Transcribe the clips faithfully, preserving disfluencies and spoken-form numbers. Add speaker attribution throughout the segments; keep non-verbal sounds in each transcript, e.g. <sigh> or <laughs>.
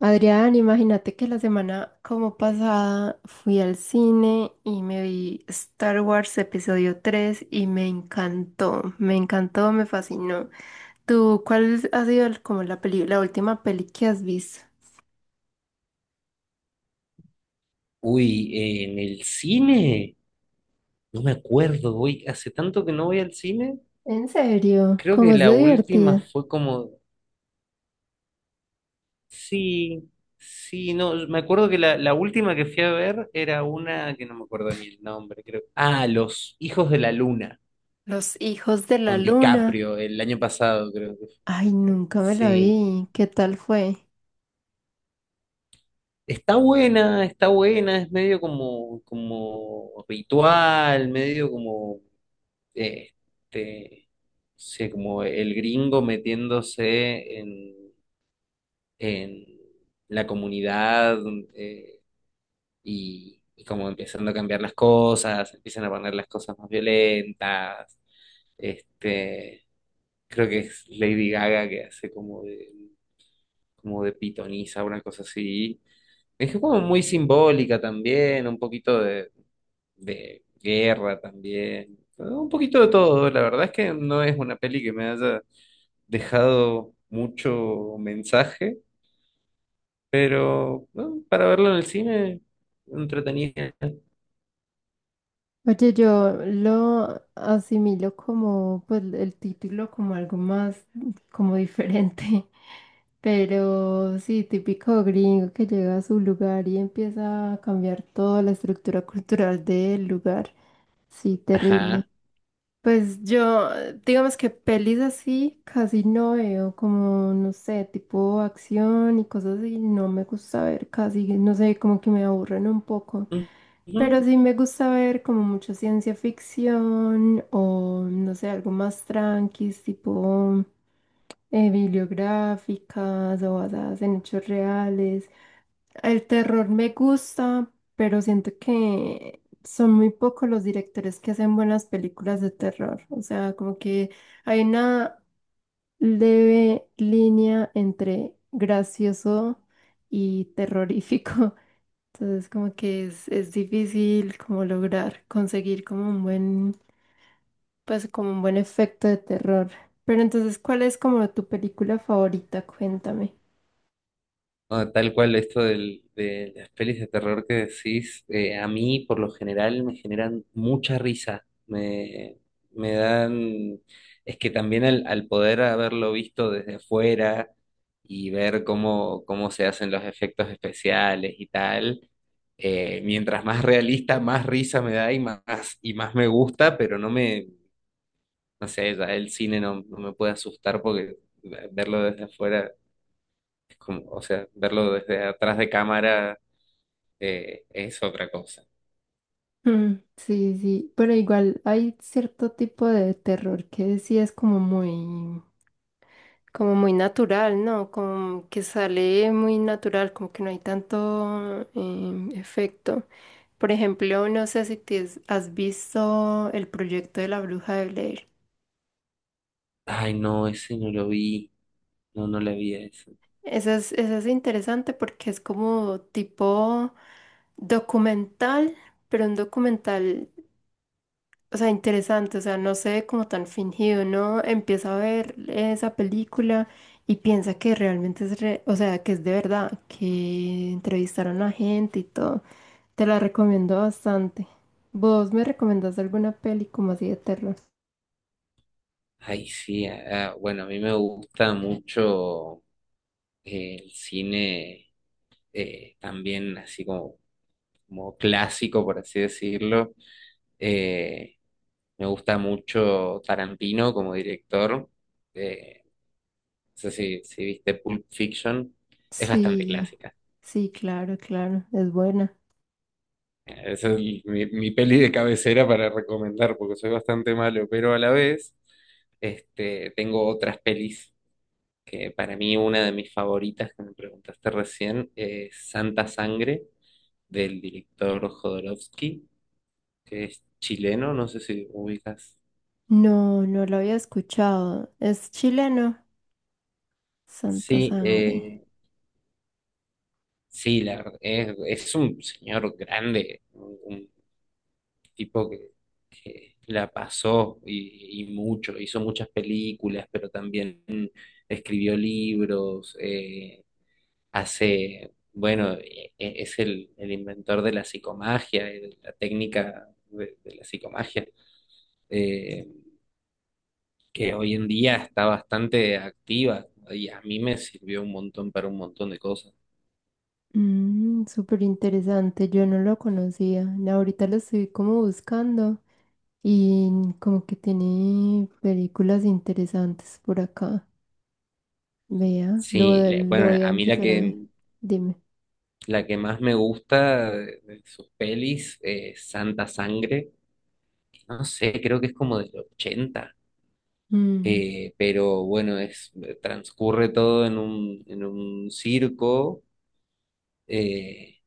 Speaker 1: Adrián, imagínate que la semana como pasada fui al cine y me vi Star Wars episodio tres y me encantó, me encantó, me fascinó. ¿Tú cuál ha sido el- como la peli- la última peli que has visto?
Speaker 2: Uy, eh, en el cine, no me acuerdo, uy hace tanto que no voy al cine,
Speaker 1: ¿En serio?
Speaker 2: creo que
Speaker 1: ¿Cómo es
Speaker 2: la
Speaker 1: de
Speaker 2: última
Speaker 1: divertida?
Speaker 2: fue como, sí, sí, no, me acuerdo que la, la última que fui a ver era una, que no me acuerdo ni el nombre, creo. Ah, Los Hijos de la Luna,
Speaker 1: Los hijos de la
Speaker 2: con
Speaker 1: luna.
Speaker 2: DiCaprio, el año pasado, creo que fue.
Speaker 1: Ay, nunca me la
Speaker 2: Sí,
Speaker 1: vi. ¿Qué tal fue?
Speaker 2: está buena, está buena, es medio como, como, ritual, medio como eh, este, sé, como el gringo metiéndose en, en, la comunidad, eh, y, y como empezando a cambiar las cosas, empiezan a poner las cosas más violentas. Este, creo que es Lady Gaga que hace como de, como de pitonisa, una cosa así. Es como muy simbólica también, un poquito de de guerra también, un poquito de todo. La verdad es que no es una peli que me haya dejado mucho mensaje, pero bueno, para verlo en el cine, entretenida.
Speaker 1: Oye, yo lo asimilo como, pues, el título como algo más, como diferente, <laughs> pero sí, típico gringo que llega a su lugar y empieza a cambiar toda la estructura cultural del lugar. Sí, terrible.
Speaker 2: Ajá.
Speaker 1: Pues yo, digamos que pelis así casi no veo, como no sé, tipo acción y cosas así, no me gusta ver casi, no sé, como que me aburren un poco. Pero
Speaker 2: Ujú.
Speaker 1: sí me gusta ver como mucha ciencia ficción o no sé, algo más tranqui, tipo eh, bibliográficas o basadas en hechos reales. El terror me gusta, pero siento que son muy pocos los directores que hacen buenas películas de terror. O sea, como que hay una leve línea entre gracioso y terrorífico. <laughs> Entonces como que es, es difícil como lograr conseguir como un buen, pues como un buen efecto de terror. Pero entonces, ¿cuál es como tu película favorita? Cuéntame.
Speaker 2: No, tal cual esto del- de las pelis de terror que decís, eh, a mí por lo general me generan mucha risa, me, me dan, es que también al, al poder haberlo visto desde afuera y ver cómo, cómo se hacen los efectos especiales y tal, eh, mientras más realista, más risa me da y más, y más me gusta, pero no me, no sé, ya el cine no, no me puede asustar porque verlo desde afuera como, o sea, verlo desde atrás de cámara eh, es otra cosa.
Speaker 1: Mm, sí, sí, pero igual hay cierto tipo de terror que sí es como muy, como muy natural, ¿no? Como que sale muy natural, como que no hay tanto em, efecto. Por ejemplo, no sé si te has has visto el proyecto de la Bruja de Blair.
Speaker 2: Ay, no, ese no lo vi. No, no le vi a eso.
Speaker 1: Eso es, eso es interesante porque es como tipo documental, pero un documental, o sea, interesante, o sea, no se ve como tan fingido, ¿no? Empieza a ver esa película y piensa que realmente es, re- o sea, que es de verdad, que entrevistaron a gente y todo. Te la recomiendo bastante. ¿Vos me recomendás alguna peli como así de terror?
Speaker 2: Ay, sí. Ah, ah, bueno, a mí me gusta mucho eh, el cine eh, también, así como, como clásico, por así decirlo. Eh, me gusta mucho Tarantino como director. Eh, no sé si, si viste Pulp Fiction. Es bastante
Speaker 1: Sí,
Speaker 2: clásica.
Speaker 1: sí, claro, claro, es buena.
Speaker 2: Esa es mi, mi peli de cabecera para recomendar, porque soy bastante malo, pero a la vez este, tengo otras pelis que para mí una de mis favoritas, que me preguntaste recién, es Santa Sangre, del director Jodorowsky, que es chileno, no sé si ubicas.
Speaker 1: No, no lo había escuchado. Es chileno. Santa
Speaker 2: Sí,
Speaker 1: Sangre.
Speaker 2: eh, sí, la, ver- es, es un señor grande, un, un tipo que la pasó y, y mucho, hizo muchas películas, pero también escribió libros, eh, hace, bueno, e- e- es el, el inventor de la psicomagia, eh, de la técnica de, de la psicomagia, eh, que hoy en día está bastante activa, ¿no? Y a mí me sirvió un montón para un montón de cosas.
Speaker 1: Mm, súper interesante. Yo no lo conocía. No, ahorita lo estoy como buscando y como que tiene películas interesantes por acá. Vea, lo,
Speaker 2: Sí, le-
Speaker 1: lo
Speaker 2: bueno,
Speaker 1: voy a
Speaker 2: a mí la
Speaker 1: empezar a ver.
Speaker 2: que,
Speaker 1: Dime.
Speaker 2: la que más me gusta de de sus pelis es Santa Sangre. No sé, creo que es como del ochenta,
Speaker 1: Mm,
Speaker 2: eh, pero bueno, es, transcurre todo en un, en un circo, eh,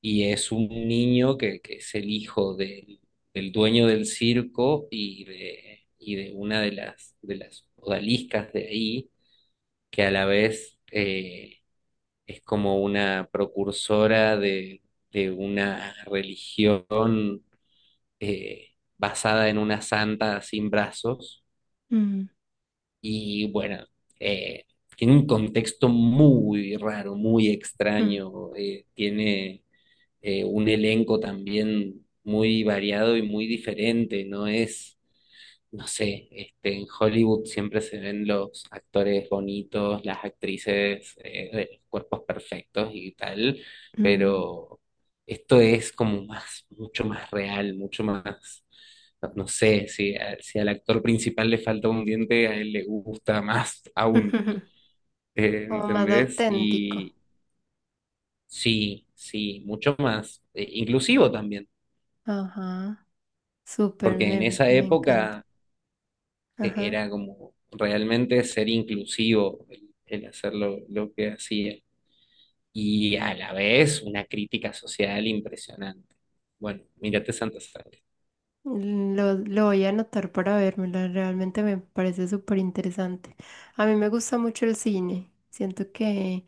Speaker 2: y es un niño que, que es el hijo del, del dueño del circo y de, y de una de las, de las odaliscas de ahí, que a la vez eh, es como una precursora de, de una religión, eh, basada en una santa sin brazos.
Speaker 1: mm,
Speaker 2: Y bueno, eh, tiene un contexto muy raro, muy
Speaker 1: mm,
Speaker 2: extraño. eh, tiene eh, un elenco también muy variado y muy diferente. No es no sé, este, en Hollywood siempre se ven los actores bonitos, las actrices, eh, de los cuerpos perfectos y tal,
Speaker 1: mm.
Speaker 2: pero esto es como más, mucho más real, mucho más, no, no sé, si, a- si al actor principal le falta un diente, a él le gusta más <laughs> aún,
Speaker 1: <laughs>
Speaker 2: eh,
Speaker 1: Como más
Speaker 2: ¿entendés?
Speaker 1: auténtico.
Speaker 2: Y sí, sí, mucho más, eh, inclusivo también.
Speaker 1: Ajá. Súper,
Speaker 2: Porque en
Speaker 1: me,
Speaker 2: esa
Speaker 1: me encanta.
Speaker 2: época eh,
Speaker 1: Ajá.
Speaker 2: era como realmente ser inclusivo el, el hacer lo, lo que hacía y a la vez una crítica social impresionante. Bueno, mírate Santa Sangre.
Speaker 1: Lo, lo voy a anotar para vérmela, realmente me parece súper interesante. A mí me gusta mucho el cine, siento que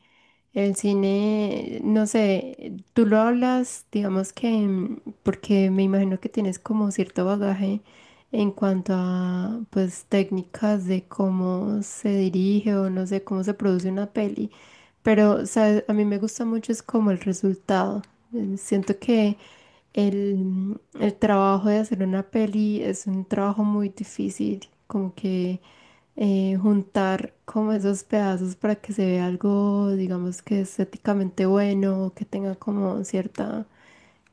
Speaker 1: el cine, no sé, tú lo hablas, digamos que, mm, porque me imagino que tienes como cierto bagaje en cuanto a, pues, técnicas de cómo se dirige o no sé, cómo se produce una peli, pero, ¿sabes? A mí me gusta mucho es como el resultado. Eh, Siento que el, el trabajo de hacer una peli es un trabajo muy difícil, como que eh, juntar como esos pedazos para que se vea algo, digamos que estéticamente bueno, que tenga como cierta,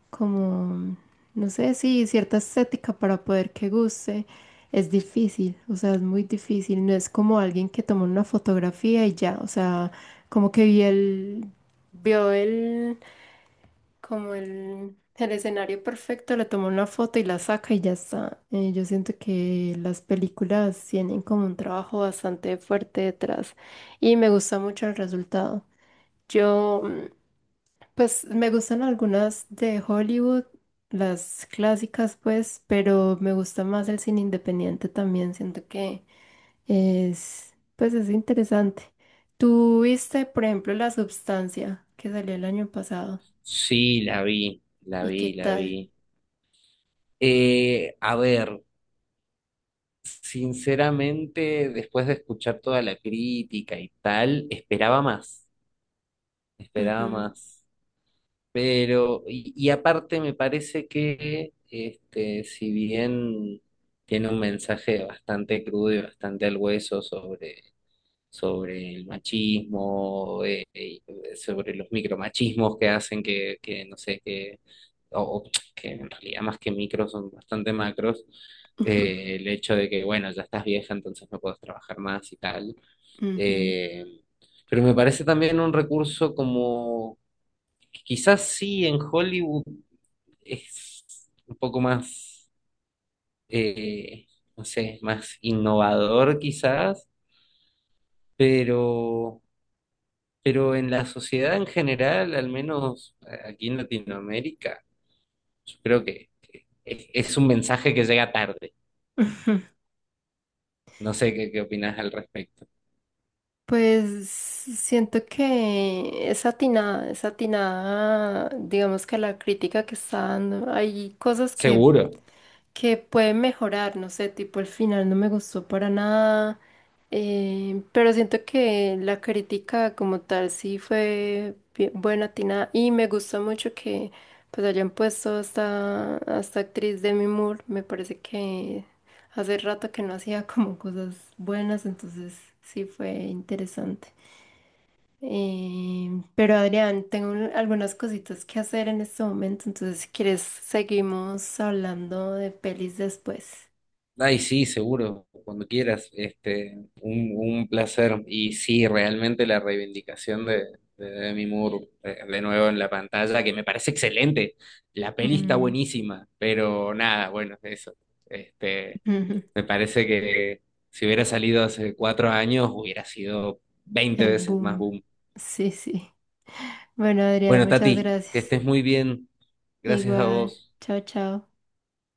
Speaker 1: como, no sé, sí, cierta estética para poder que guste, es difícil, o sea, es muy difícil, no es como alguien que toma una fotografía y ya, o sea, como que vi el, vio el como el, el escenario perfecto, le toma una foto y la saca y ya está. Eh, yo siento que las películas tienen como un trabajo bastante fuerte detrás y me gusta mucho el resultado. Yo, mm, pues me gustan algunas de Hollywood, las clásicas pues, pero me gusta más el cine independiente también, siento que es, pues es interesante. ¿Tú viste, por ejemplo, La Substancia que salió el año pasado?
Speaker 2: Sí, la vi, la
Speaker 1: ¿Y qué
Speaker 2: vi, la vi.
Speaker 1: tal?
Speaker 2: Eh, a ver, sinceramente, después de escuchar toda la crítica y tal, esperaba más, esperaba
Speaker 1: Ujú.
Speaker 2: más. Pero, y, y aparte me parece que, este, si bien tiene un mensaje bastante crudo y bastante al hueso sobre, sobre el machismo, eh, y sobre los micromachismos que hacen que, que no sé, que, o, o que en realidad más que micros son bastante macros,
Speaker 1: Ujú,
Speaker 2: eh, el hecho de que, bueno, ya estás vieja, entonces no puedes trabajar más y tal.
Speaker 1: ujú.
Speaker 2: eh, pero me parece también un recurso como, quizás sí, en Hollywood es un poco más, eh, no sé, más innovador quizás, pero, pero en la sociedad en general, al menos eh, aquí en Latinoamérica, yo creo que es, es un mensaje que llega tarde.
Speaker 1: Ujú.
Speaker 2: No sé qué, qué opinas al respecto.
Speaker 1: Pues siento que es atinada, es atinada, digamos que la crítica que está dando. Hay cosas que
Speaker 2: Seguro.
Speaker 1: que puede mejorar, no sé, tipo el final no me gustó para nada, eh, pero siento que la crítica como tal sí fue bien- buena, atinada, y me gustó mucho que pues hayan puesto a esta, a esta actriz Demi Moore, me parece que hace rato que no hacía como cosas buenas, entonces sí fue interesante. Eh, pero Adrián, tengo un- algunas cositas que hacer en este momento, entonces si quieres seguimos hablando de pelis después.
Speaker 2: Ay, sí, seguro, cuando quieras. Este, un, un placer. Y sí, realmente la reivindicación de, de Demi Moore, eh, de nuevo en la pantalla, que me parece excelente. La peli está
Speaker 1: Mm,
Speaker 2: buenísima, pero nada, bueno, eso. Este,
Speaker 1: <laughs> ujú,
Speaker 2: me parece que si hubiera salido hace cuatro años, hubiera sido veinte
Speaker 1: el
Speaker 2: veces más
Speaker 1: boom.
Speaker 2: boom.
Speaker 1: Sí, sí. Bueno, Adrián,
Speaker 2: Bueno,
Speaker 1: muchas
Speaker 2: Tati, que
Speaker 1: gracias.
Speaker 2: estés muy bien. Gracias a
Speaker 1: Igual.
Speaker 2: vos.
Speaker 1: Chao, chao.